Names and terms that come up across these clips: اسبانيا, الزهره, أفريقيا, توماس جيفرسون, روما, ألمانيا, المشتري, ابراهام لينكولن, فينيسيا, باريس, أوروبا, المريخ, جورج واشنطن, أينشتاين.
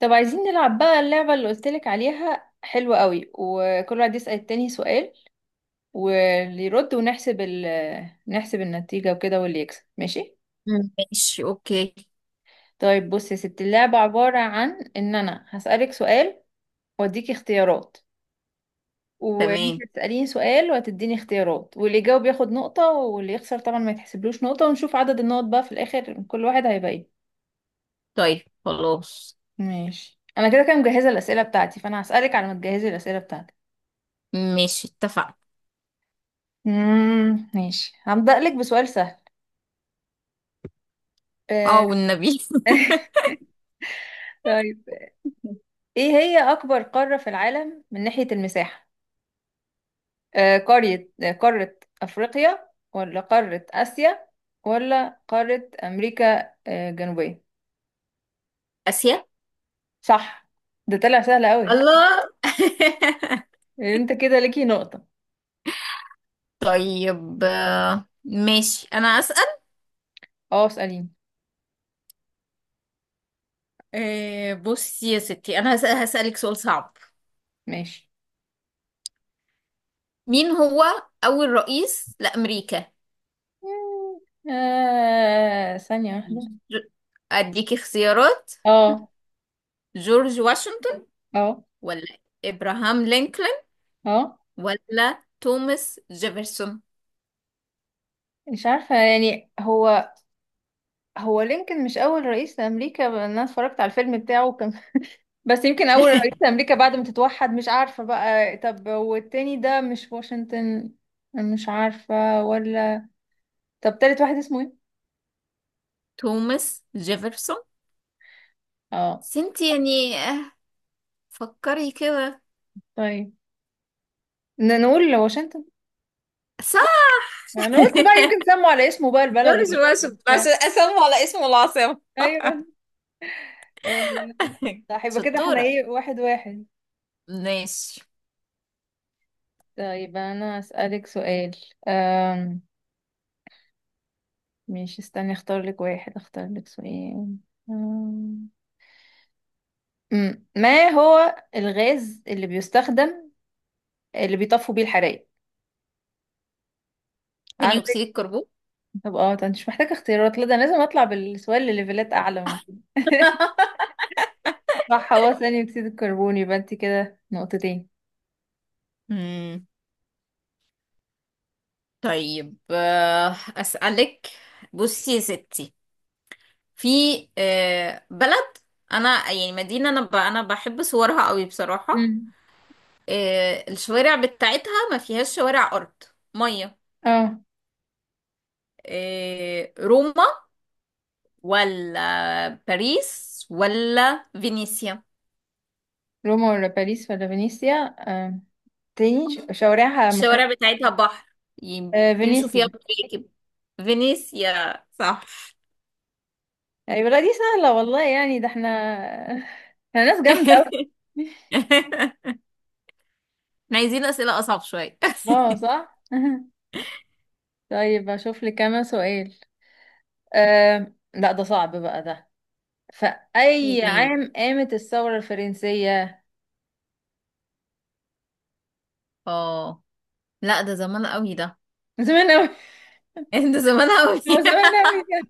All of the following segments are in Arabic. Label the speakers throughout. Speaker 1: طب عايزين نلعب بقى اللعبة اللي قلتلك عليها حلوة قوي، وكل واحد يسأل التاني سؤال واللي يرد، ونحسب نحسب النتيجة وكده، واللي يكسب ماشي.
Speaker 2: مم. ماشي، اوكي.
Speaker 1: طيب بص يا ستي، اللعبة عبارة عن ان انا هسألك سؤال واديكي اختيارات، وانت
Speaker 2: تمام.
Speaker 1: هتسأليني سؤال وهتديني اختيارات، واللي يجاوب ياخد نقطة، واللي يخسر طبعا ما يتحسبلوش نقطة، ونشوف عدد النقط بقى في الآخر كل واحد هيبقى ايه.
Speaker 2: طيب خلاص.
Speaker 1: ماشي، انا كده كده مجهزة الأسئلة بتاعتي، فانا هسألك على ما تجهزي الأسئلة بتاعتك.
Speaker 2: ماشي، اتفقنا.
Speaker 1: ماشي، هبدأ لك بسؤال سهل.
Speaker 2: اه،
Speaker 1: آه،
Speaker 2: والنبي.
Speaker 1: طيب، ايه هي اكبر قارة في العالم من ناحية المساحة؟ آه، قرية آه، قارة افريقيا، ولا قارة اسيا، ولا قارة امريكا، الجنوبية؟
Speaker 2: اسيا.
Speaker 1: صح، ده طلع سهل قوي.
Speaker 2: الله.
Speaker 1: انت كده ليكي نقطة.
Speaker 2: طيب، ماشي، انا اسال.
Speaker 1: اه، اسأليني.
Speaker 2: بصي يا ستي، انا هسالك سؤال صعب.
Speaker 1: ماشي.
Speaker 2: مين هو اول رئيس لامريكا؟
Speaker 1: مم، آه، ثانية واحدة.
Speaker 2: ج- اديكي اختيارات.
Speaker 1: اه.
Speaker 2: جورج واشنطن،
Speaker 1: اه.
Speaker 2: ولا ابراهام لينكولن،
Speaker 1: اه،
Speaker 2: ولا توماس جيفرسون؟
Speaker 1: مش عارفة يعني. هو هو لينكولن مش اول رئيس لامريكا؟ انا اتفرجت على الفيلم بتاعه كان بس يمكن اول رئيس لامريكا بعد ما تتوحد، مش عارفه بقى. طب والتاني ده مش واشنطن؟ مش عارفه. ولا طب تالت واحد اسمه ايه؟
Speaker 2: توماس جيفرسون،
Speaker 1: اه.
Speaker 2: بس انت يعني، فكري كده.
Speaker 1: طيب، نقول واشنطن.
Speaker 2: صح.
Speaker 1: انا قلت بقى يمكن سموا على اسمه بقى البلد
Speaker 2: جورج واشنطن،
Speaker 1: وبتاع.
Speaker 2: عشان اسمه على اسم العاصمة.
Speaker 1: ايوه. آه، صح. يبقى كده احنا
Speaker 2: شطورة.
Speaker 1: ايه، واحد واحد.
Speaker 2: ماشي.
Speaker 1: طيب انا اسالك سؤال. أم... مش، استني اختار لك واحد، اختار لك سؤال. أم... مم. ما هو الغاز اللي بيستخدم اللي بيطفوا بيه الحرايق؟
Speaker 2: ثاني
Speaker 1: عندك؟
Speaker 2: أكسيد الكربون.
Speaker 1: طب اه، ده مش محتاجة اختيارات، لا ده أنا لازم اطلع بالسؤال لليفلات اعلى من كده. صح، هو ثاني اكسيد الكربون، يبقى انت كده نقطتين.
Speaker 2: مم. طيب، أسألك. بصي يا ستي، في بلد، أنا يعني مدينة، أنا بحب صورها قوي بصراحة.
Speaker 1: مم.
Speaker 2: الشوارع بتاعتها ما فيهاش شوارع أرض، مية.
Speaker 1: اه،
Speaker 2: روما، ولا باريس، ولا فينيسيا؟
Speaker 1: روما ولا باريس ولا فينيسيا؟ آه، تاني شوارعها ما فيهاش.
Speaker 2: الشوارع بتاعتها بحر، ي-
Speaker 1: آه،
Speaker 2: بيمشوا فيها
Speaker 1: فينيسيا.
Speaker 2: بمراكب. فينيسيا، صح.
Speaker 1: ايوه. لا دي سهلة والله، يعني ده احنا احنا ناس جامدة اوي.
Speaker 2: احنا عايزين أسئلة أصعب شوية.
Speaker 1: اه صح طيب اشوف لك كمان سؤال. آه، لا ده صعب بقى ده. في أي
Speaker 2: ايه،
Speaker 1: عام قامت الثورة الفرنسية؟
Speaker 2: اه، لا، ده زمان قوي ده.
Speaker 1: من زمان أوي.
Speaker 2: ده زمان قوي.
Speaker 1: هو زمان أوي كده.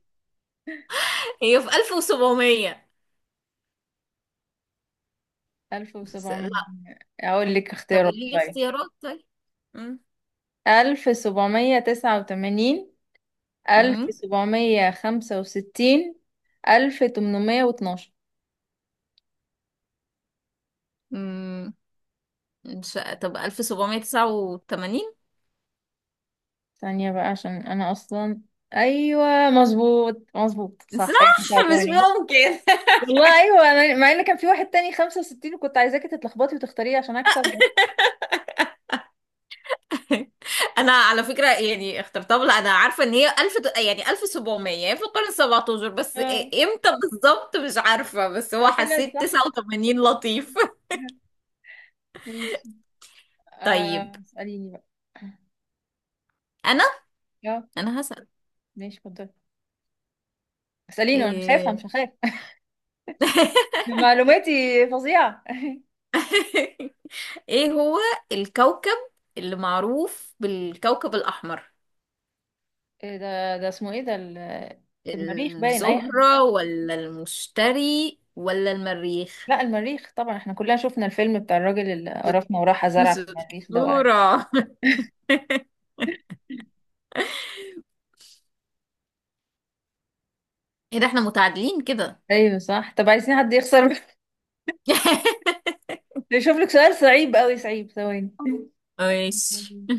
Speaker 2: هي في 1700، بس
Speaker 1: 1700؟
Speaker 2: لا.
Speaker 1: أقول لك
Speaker 2: طب
Speaker 1: اختيارات
Speaker 2: قولي لي
Speaker 1: طيب.
Speaker 2: اختيارات، طيب. امم
Speaker 1: 1789،
Speaker 2: امم
Speaker 1: 1765، 1812.
Speaker 2: أمم. مش، طب 1789؟
Speaker 1: ثانية بقى عشان أنا أصلا. أيوة، مظبوط مظبوط، صح
Speaker 2: صح، مش
Speaker 1: 1989.
Speaker 2: ممكن.
Speaker 1: والله أيوة، أنا مع إن كان في واحد تاني 65، وكنت عايزاكي تتلخبطي وتختاريه عشان أكسب.
Speaker 2: انا على فكره يعني اخترتها، لا، انا عارفه ان هي 1000، يعني 1700، يعني في القرن 17، بس
Speaker 1: اه،
Speaker 2: امتى بالظبط مش عارفه، بس هو
Speaker 1: لا طلعت
Speaker 2: حسيت
Speaker 1: صح.
Speaker 2: 89 لطيف.
Speaker 1: ماشي.
Speaker 2: طيب،
Speaker 1: اسأليني بقى.
Speaker 2: انا
Speaker 1: اه
Speaker 2: انا هسأل.
Speaker 1: ماشي، اتفضلي. اسأليني وانا مش هفهم
Speaker 2: ايه.
Speaker 1: مش هخاف. ده معلوماتي فظيعة.
Speaker 2: ايه هو الكوكب اللي معروف بالكوكب الاحمر؟
Speaker 1: إيه ده اسمه ايه ده المريخ، باين اي حاجة.
Speaker 2: الزهره، ولا المشتري، ولا المريخ؟
Speaker 1: لا المريخ طبعا، احنا كلنا شفنا الفيلم بتاع الراجل اللي قرفنا وراح زرع
Speaker 2: بس
Speaker 1: في المريخ ده وقال.
Speaker 2: الزهره، ايه ده، احنا متعادلين كده.
Speaker 1: ايوه صح. طب عايزين حد يخسر. يشوف لك سؤال صعيب قوي، صعيب، ثواني.
Speaker 2: ماشي.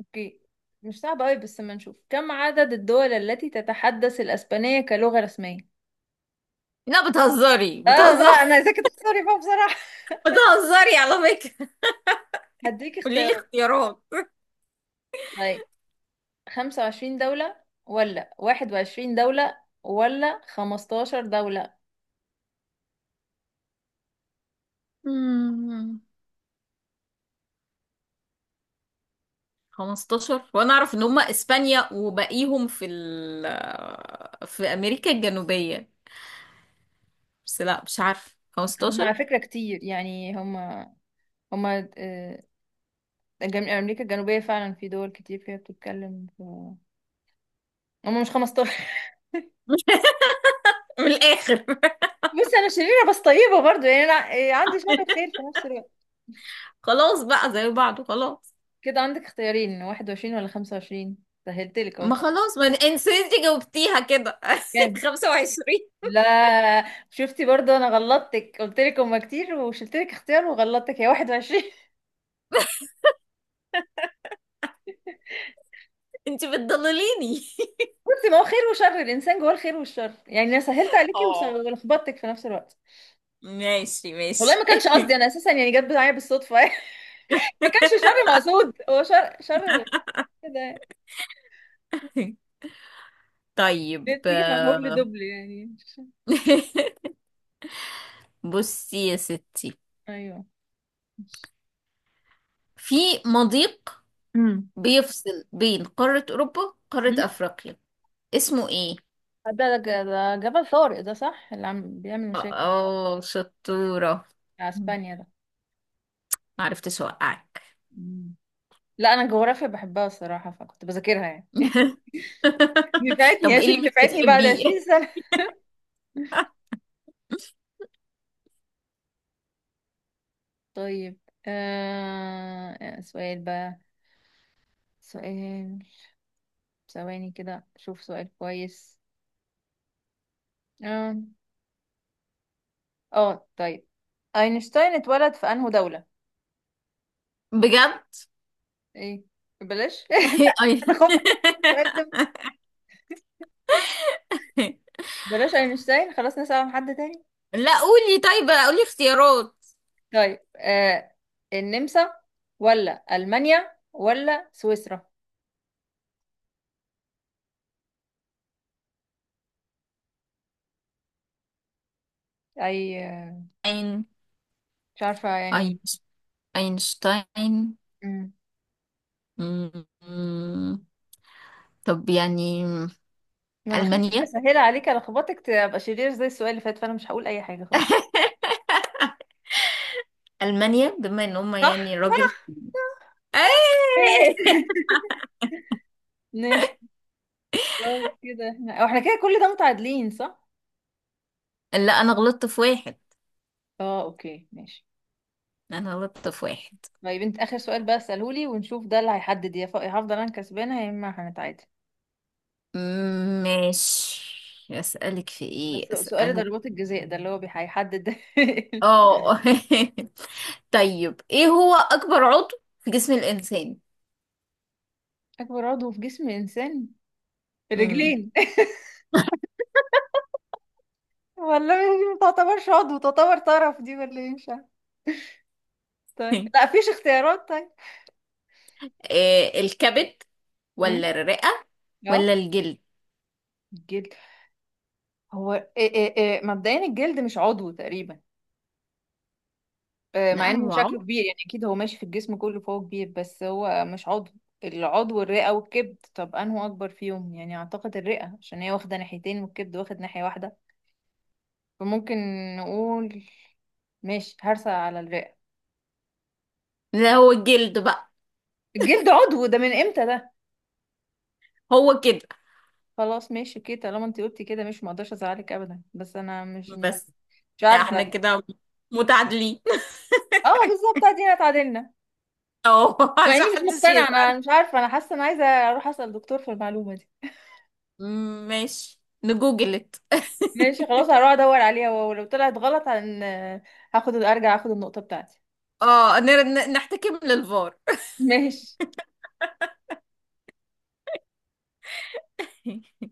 Speaker 1: اوكي، مش صعب قوي بس، ما نشوف كم عدد الدول التي تتحدث الاسبانية كلغة رسمية؟
Speaker 2: لا، بتهزري
Speaker 1: اه
Speaker 2: بتهزري.
Speaker 1: بقى، انا عايزاكي تخسري بقى بصراحة.
Speaker 2: بتهزري على فكرة.
Speaker 1: هديك
Speaker 2: قولي لي
Speaker 1: اختيارات
Speaker 2: اختيارات.
Speaker 1: طيب. خمسة وعشرين دولة، ولا واحد وعشرين دولة، ولا خمستاشر دولة.
Speaker 2: مم. 15، وانا اعرف ان هم اسبانيا وباقيهم في امريكا الجنوبية. بس لا، مش عارف
Speaker 1: هم على
Speaker 2: 15.
Speaker 1: فكرة كتير يعني. هم آه، أمريكا الجنوبية فعلا في دول كتير فيها بتتكلم في. هم مش خمستاشر.
Speaker 2: من الاخر.
Speaker 1: بص أنا شريرة بس طيبة برضو، يعني أنا عندي شر وخير في نفس الوقت.
Speaker 2: خلاص بقى زي بعض وخلاص.
Speaker 1: كده عندك اختيارين، واحد وعشرين ولا خمسة وعشرين. سهلتلك
Speaker 2: ما
Speaker 1: أهو.
Speaker 2: خلاص، ما انت جاوبتيها كده.
Speaker 1: كام؟
Speaker 2: 25.
Speaker 1: لا، شفتي برضو أنا غلطتك، قلتلك هما كتير وشلتلك اختيار وغلطتك. هي واحد وعشرين.
Speaker 2: انت بتضلليني.
Speaker 1: بصي، ما هو خير وشر، الانسان جواه الخير والشر، يعني انا سهلت عليكي
Speaker 2: اه،
Speaker 1: ولخبطتك في نفس الوقت.
Speaker 2: ماشي
Speaker 1: والله
Speaker 2: ماشي.
Speaker 1: ما كانش قصدي، انا اساسا يعني جت معايا بالصدفه. ما كانش شر مقصود، هو شر شر كده.
Speaker 2: طيب،
Speaker 1: ليه بتيجي مع هبل دبل يعني.
Speaker 2: بصي يا ستي،
Speaker 1: ايوه.
Speaker 2: في مضيق
Speaker 1: امم.
Speaker 2: بيفصل بين قارة أوروبا وقارة أفريقيا، اسمه إيه؟
Speaker 1: ده جبل طارق ده، صح؟ اللي عم بيعمل مشاكل
Speaker 2: اه، شطورة.
Speaker 1: بتاع اسبانيا ده.
Speaker 2: معرفتش أوقعك.
Speaker 1: مم. لا انا الجغرافيا بحبها الصراحه، فكنت بذاكرها يعني. نفعتني،
Speaker 2: طب إيه
Speaker 1: اشوف
Speaker 2: اللي مش
Speaker 1: نفعتني بعد 20
Speaker 2: بتحبيه؟
Speaker 1: سنه. طيب، سؤال بقى، سؤال، ثواني كده شوف سؤال كويس. اه. اه طيب، اينشتاين اتولد في انهو دولة؟
Speaker 2: بجد؟
Speaker 1: ايه، بلاش.
Speaker 2: أي-
Speaker 1: انا خفت السؤال ده، بلاش اينشتاين، خلاص نسأل عن حد تاني.
Speaker 2: لا، قولي، طيب قولي اختيارات.
Speaker 1: طيب آه، النمسا ولا المانيا ولا سويسرا؟ اي
Speaker 2: أين
Speaker 1: مش عارفة يعني.
Speaker 2: أينش- أينشتاين.
Speaker 1: مم.
Speaker 2: مم. مم. طب يعني
Speaker 1: ما انا خليت حاجة
Speaker 2: ألمانيا.
Speaker 1: سهلة عليك، لخبطك تبقى شرير زي السؤال اللي فات، فانا مش هقول اي حاجة خالص.
Speaker 2: ألمانيا، بما إن هما يعني
Speaker 1: صح
Speaker 2: راجل.
Speaker 1: صح.
Speaker 2: أي!
Speaker 1: إيه. ماشي. خلاص كده احنا، أو احنا كده كل ده متعادلين، صح؟
Speaker 2: لا، انا غلطت في واحد.
Speaker 1: اه اوكي ماشي.
Speaker 2: انا غلطت في واحد.
Speaker 1: طيب انت اخر سؤال بقى اساله لي، ونشوف ده اللي هيحدد، يا يا هفضل انا كسبانه، يا اما هنتعادل.
Speaker 2: ماشي. اسالك في
Speaker 1: بس
Speaker 2: ايه،
Speaker 1: سؤال
Speaker 2: اسالك،
Speaker 1: ضربات الجزاء ده اللي هو هيحدد.
Speaker 2: اه. طيب، ايه هو اكبر عضو في جسم الانسان؟
Speaker 1: اكبر عضو في جسم الانسان؟
Speaker 2: امم
Speaker 1: الرجلين. والله دي ما تعتبرش عضو، تعتبر طرف دي، ولا ايه مش عارفة. طيب، لا فيش اختيارات طيب.
Speaker 2: إيه، الكبد،
Speaker 1: امم.
Speaker 2: ولا الرئة،
Speaker 1: اه،
Speaker 2: ولا الجلد؟
Speaker 1: الجلد. هو إيه مبدئيا الجلد مش عضو تقريبا. مع
Speaker 2: لا،
Speaker 1: انه
Speaker 2: هو
Speaker 1: شكله
Speaker 2: عضو.
Speaker 1: كبير يعني، اكيد هو ماشي في الجسم كله فهو كبير، بس هو مش عضو. العضو الرئة والكبد. طب انه اكبر فيهم، يعني اعتقد الرئة عشان هي واخدة ناحيتين والكبد واخد ناحية واحدة، فممكن نقول، ماشي هرسة على الرئة.
Speaker 2: لا، هو الجلد بقى.
Speaker 1: الجلد عضو ده، من امتى ده؟
Speaker 2: هو كده.
Speaker 1: خلاص ماشي اوكي، طالما انت قلتي كده، مش مقدرش ازعلك ابدا، بس انا مش
Speaker 2: بس
Speaker 1: مش
Speaker 2: احنا
Speaker 1: عارفة.
Speaker 2: كده متعادلين.
Speaker 1: اه بالظبط، ادينا اتعادلنا.
Speaker 2: اه،
Speaker 1: مع
Speaker 2: عشان
Speaker 1: اني مش
Speaker 2: محدش
Speaker 1: مقتنعة،
Speaker 2: يزعل.
Speaker 1: انا مش عارفة، انا حاسة انا عايزة اروح اسأل دكتور في المعلومة دي.
Speaker 2: ماشي، نجوجلت.
Speaker 1: ماشي خلاص، هروح ادور عليها، ولو طلعت غلط هاخد، ارجع اخد النقطة بتاعتي.
Speaker 2: اه، نحتكم للفار.
Speaker 1: ماشي.